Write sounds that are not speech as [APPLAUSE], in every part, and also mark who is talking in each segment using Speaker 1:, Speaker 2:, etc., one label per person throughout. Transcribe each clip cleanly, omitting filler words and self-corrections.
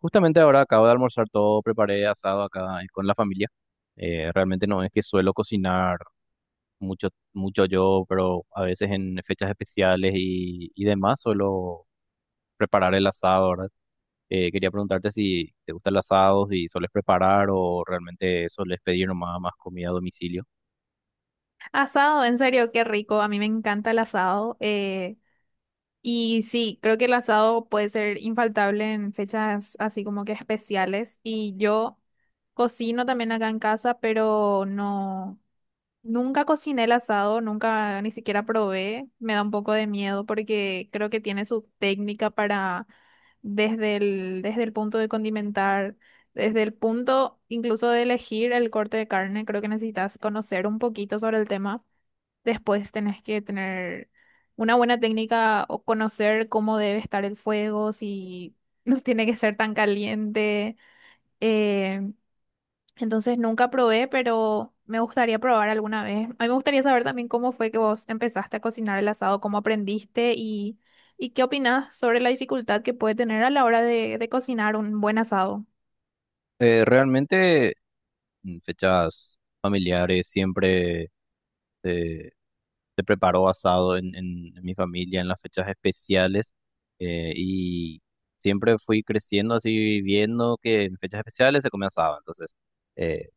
Speaker 1: Justamente ahora acabo de almorzar todo, preparé asado acá con la familia. Realmente no es que suelo cocinar mucho, mucho yo, pero a veces en fechas especiales y demás suelo preparar el asado, ¿verdad? Quería preguntarte si te gusta el asado, si sueles preparar o realmente sueles pedir nomás más comida a domicilio.
Speaker 2: Asado, en serio, qué rico. A mí me encanta el asado. Y sí, creo que el asado puede ser infaltable en fechas así como que especiales. Y yo cocino también acá en casa, pero no, nunca cociné el asado, nunca ni siquiera probé. Me da un poco de miedo porque creo que tiene su técnica para desde el punto de condimentar, desde el punto incluso de elegir el corte de carne. Creo que necesitas conocer un poquito sobre el tema. Después tenés que tener una buena técnica o conocer cómo debe estar el fuego, si [LAUGHS] no tiene que ser tan caliente. Eh, entonces nunca probé, pero me gustaría probar alguna vez. A mí me gustaría saber también cómo fue que vos empezaste a cocinar el asado, cómo aprendiste y qué opinás sobre la dificultad que puede tener a la hora de cocinar un buen asado.
Speaker 1: Realmente en fechas familiares siempre se preparó basado en mi familia, en las fechas especiales. Y siempre fui creciendo así, viendo que en fechas especiales se comía asado. Entonces, eh,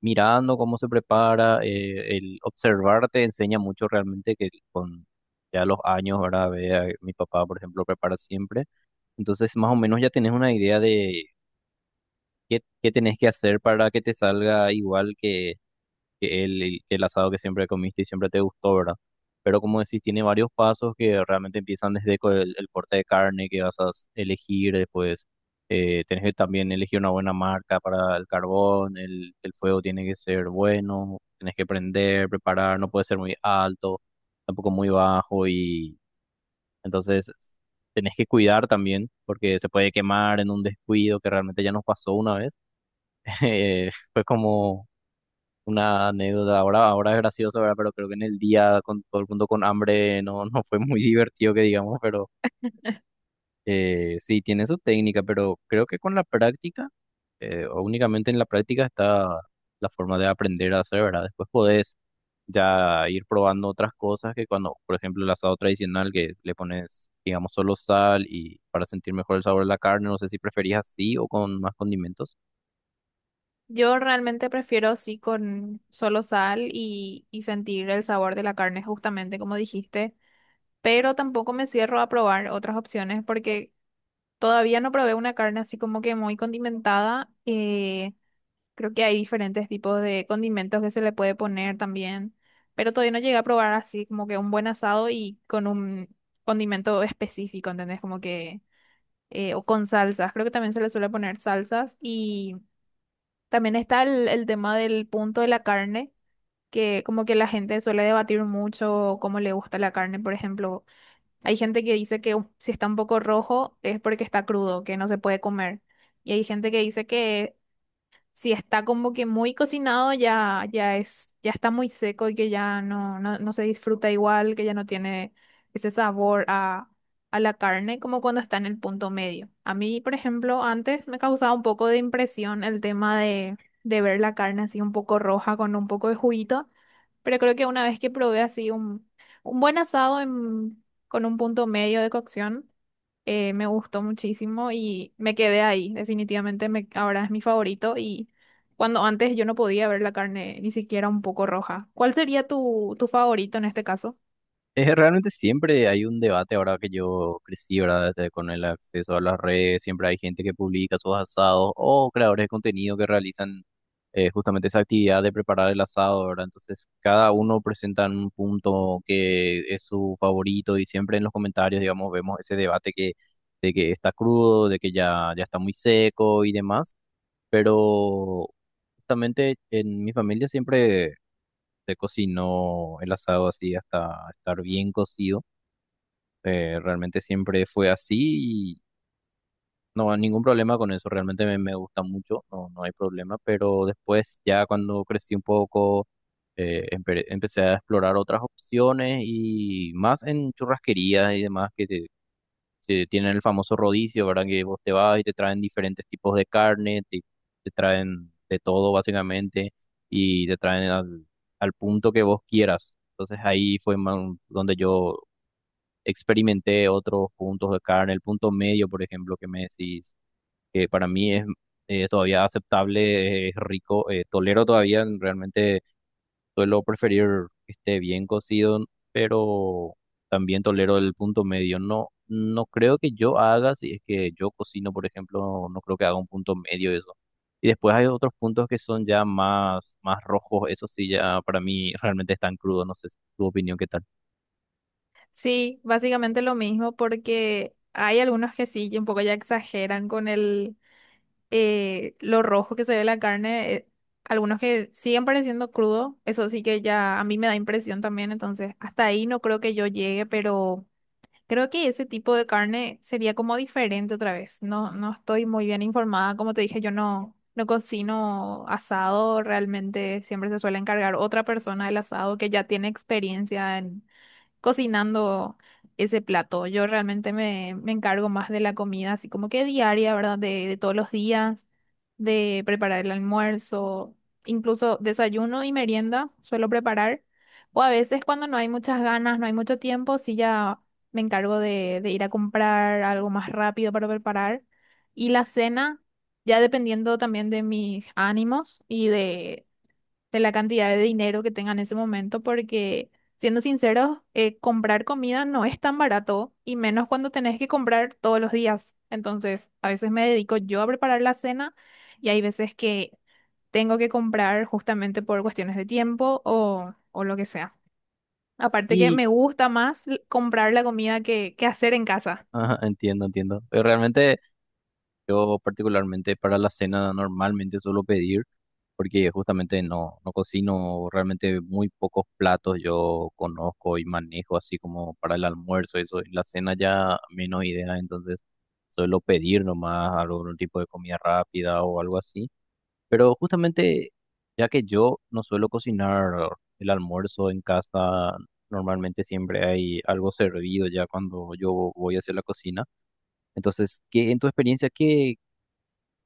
Speaker 1: mirando cómo se prepara, el observar te enseña mucho realmente que con ya los años, ahora ve a mi papá, por ejemplo, prepara siempre. Entonces, más o menos ya tenés una idea de qué tenés que hacer para que te salga igual que el asado que siempre comiste y siempre te gustó, ¿verdad? Pero como decís, tiene varios pasos que realmente empiezan desde el corte de carne que vas a elegir, después tenés que también elegir una buena marca para el carbón, el fuego tiene que ser bueno, tenés que prender, preparar, no puede ser muy alto, tampoco muy bajo y entonces tenés que cuidar también porque se puede quemar en un descuido que realmente ya nos pasó una vez. [LAUGHS] Fue como una anécdota. Ahora es gracioso, ¿verdad? Pero creo que en el día con todo el mundo con hambre no, [LAUGHS] no fue muy divertido que digamos, pero sí, tiene su técnica, pero creo que con la práctica, o únicamente en la práctica está la forma de aprender a hacer, ¿verdad? Después podés ya ir probando otras cosas que cuando, por ejemplo, el asado tradicional que le pones, digamos, solo sal y para sentir mejor el sabor de la carne, no sé si preferís así o con más condimentos.
Speaker 2: Yo realmente prefiero sí con solo sal y sentir el sabor de la carne, justamente como dijiste, pero tampoco me cierro a probar otras opciones porque todavía no probé una carne así como que muy condimentada. Creo que hay diferentes tipos de condimentos que se le puede poner también, pero todavía no llegué a probar así como que un buen asado y con un condimento específico, ¿entendés? Como que, o con salsas, creo que también se le suele poner salsas y también está el tema del punto de la carne. Que como que la gente suele debatir mucho cómo le gusta la carne, por ejemplo, hay gente que dice que si está un poco rojo es porque está crudo, que no se puede comer. Y hay gente que dice que si está como que muy cocinado, ya es, ya está muy seco y que ya no, no se disfruta igual, que ya no tiene ese sabor a la carne como cuando está en el punto medio. A mí, por ejemplo, antes me causaba un poco de impresión el tema de ver la carne así un poco roja con un poco de juguito, pero creo que una vez que probé así un buen asado con un punto medio de cocción, me gustó muchísimo y me quedé ahí. Definitivamente me, ahora es mi favorito y cuando antes yo no podía ver la carne ni siquiera un poco roja. ¿Cuál sería tu, tu favorito en este caso?
Speaker 1: Realmente siempre hay un debate ahora que yo crecí, ¿verdad? Desde con el acceso a las redes, siempre hay gente que publica sus asados o creadores de contenido que realizan justamente esa actividad de preparar el asado, ¿verdad? Entonces, cada uno presenta un punto que es su favorito y siempre en los comentarios, digamos, vemos ese debate que, de que está crudo, de que ya está muy seco y demás, pero justamente en mi familia siempre se cocinó el asado así hasta estar bien cocido. Realmente siempre fue así y no, ningún problema con eso. Realmente me gusta mucho, no, no hay problema. Pero después, ya cuando crecí un poco, empecé a explorar otras opciones y más en churrasquerías y demás que sí, tienen el famoso rodicio, ¿verdad? Que vos te vas y te traen diferentes tipos de carne, te traen de todo básicamente y te traen al punto que vos quieras. Entonces ahí fue donde yo experimenté otros puntos de carne, el punto medio, por ejemplo, que me decís, que para mí es todavía aceptable, es rico, tolero todavía realmente. Suelo preferir que esté bien cocido, pero también tolero el punto medio. No, no creo que yo haga, si es que yo cocino, por ejemplo, no creo que haga un punto medio de eso. Y después hay otros puntos que son ya más rojos, eso sí, ya para mí [LAUGHS] realmente están crudos, no sé tu opinión qué tal.
Speaker 2: Sí, básicamente lo mismo porque hay algunos que sí, un poco ya exageran con el lo rojo que se ve la carne. Algunos que siguen pareciendo crudo, eso sí que ya a mí me da impresión también, entonces hasta ahí no creo que yo llegue, pero... Creo que ese tipo de carne sería como diferente otra vez. No, no estoy muy bien informada. Como te dije, yo no, no cocino asado. Realmente siempre se suele encargar otra persona del asado que ya tiene experiencia en, cocinando ese plato. Yo realmente me, me encargo más de la comida, así como que diaria, ¿verdad? De todos los días, de preparar el almuerzo, incluso desayuno y merienda suelo preparar. O a veces cuando no hay muchas ganas, no hay mucho tiempo, sí ya me encargo de ir a comprar algo más rápido para preparar. Y la cena, ya dependiendo también de mis ánimos de la cantidad de dinero que tengan en ese momento, porque siendo sinceros, comprar comida no es tan barato y menos cuando tenés que comprar todos los días. Entonces, a veces me dedico yo a preparar la cena y hay veces que tengo que comprar justamente por cuestiones de tiempo o lo que sea. Aparte que
Speaker 1: Y,
Speaker 2: me gusta más comprar la comida que hacer en casa.
Speaker 1: [LAUGHS] ajá, entiendo, entiendo. Pero realmente yo particularmente para la cena normalmente suelo pedir, porque justamente no, no cocino realmente muy pocos platos yo conozco y manejo, así como para el almuerzo, eso, y la cena ya menos idea, entonces suelo pedir nomás algún tipo de comida rápida o algo así. Pero justamente ya que yo no suelo cocinar el almuerzo en casa, normalmente siempre hay algo servido ya cuando yo voy hacia la cocina. Entonces, ¿qué en tu experiencia, qué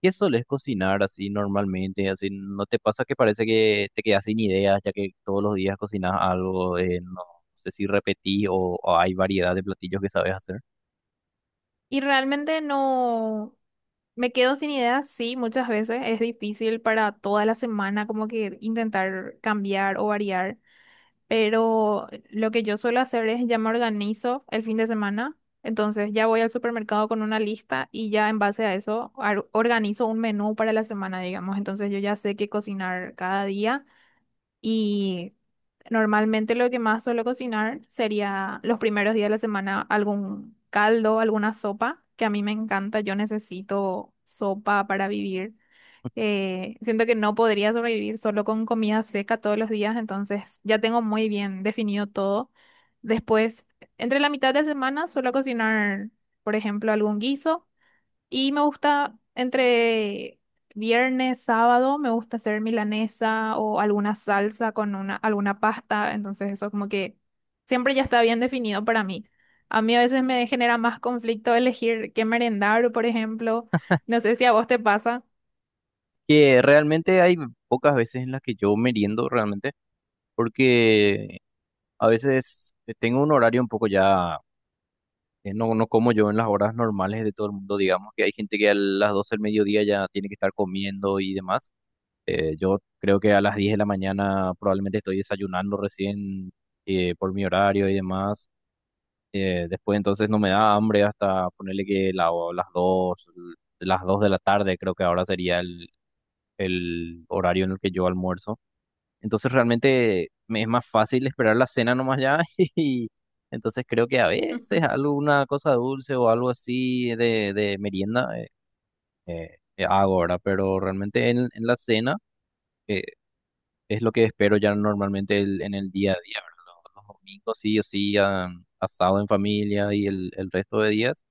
Speaker 1: ¿qué solés cocinar así normalmente? Así, ¿no te pasa que parece que te quedas sin ideas, ya que todos los días cocinas algo? No sé si repetís o hay variedad de platillos que sabes hacer.
Speaker 2: Y realmente no. Me quedo sin ideas, sí, muchas veces es difícil para toda la semana como que intentar cambiar o variar, pero lo que yo suelo hacer es ya me organizo el fin de semana, entonces ya voy al supermercado con una lista y ya en base a eso organizo un menú para la semana, digamos, entonces yo ya sé qué cocinar cada día y normalmente lo que más suelo cocinar sería los primeros días de la semana algún caldo, alguna sopa, que a mí me encanta. Yo necesito sopa para vivir. Siento que no podría sobrevivir solo con comida seca todos los días, entonces ya tengo muy bien definido todo. Después, entre la mitad de semana suelo cocinar, por ejemplo, algún guiso. Y me gusta entre viernes, sábado, me gusta hacer milanesa o alguna salsa con alguna pasta. Entonces eso como que siempre ya está bien definido para mí. A mí a veces me genera más conflicto elegir qué merendar, por ejemplo. No sé si a vos te pasa.
Speaker 1: Que realmente hay pocas veces en las que yo meriendo realmente, porque a veces tengo un horario un poco ya, no, no como yo en las horas normales de todo el mundo, digamos, que hay gente que a las 12 del mediodía ya tiene que estar comiendo y demás. Yo creo que a las 10 de la mañana probablemente estoy desayunando recién, por mi horario y demás. Después entonces no me da hambre hasta ponerle que las dos, las 2 de la tarde creo que ahora sería el horario en el que yo almuerzo. Entonces realmente me es más fácil esperar la cena nomás ya [LAUGHS] y entonces creo que a veces
Speaker 2: [LAUGHS]
Speaker 1: alguna cosa dulce o algo así de merienda hago ahora, pero realmente en la cena... eh, es lo que espero ya normalmente en el día a día, ¿verdad? Los domingos sí o sí, ah, asado en familia y el resto de días.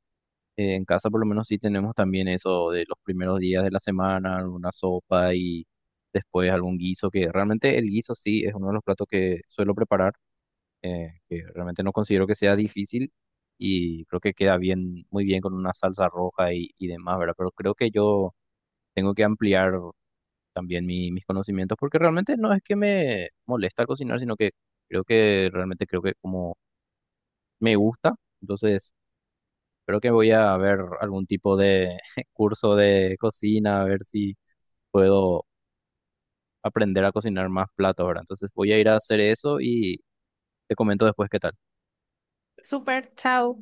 Speaker 1: En casa por lo menos sí tenemos también eso de los primeros días de la semana, alguna sopa y después algún guiso, que realmente el guiso sí es uno de los platos que suelo preparar, que realmente no considero que sea difícil y creo que queda bien, muy bien con una salsa roja y demás, ¿verdad? Pero creo que yo tengo que ampliar también mis conocimientos, porque realmente no es que me molesta cocinar, sino que creo que realmente creo que como me gusta, entonces creo que voy a ver algún tipo de [LAUGHS] curso de cocina, a ver si puedo aprender a cocinar más platos, ¿verdad? Entonces voy a ir a hacer eso y te comento después qué tal.
Speaker 2: Súper, chao.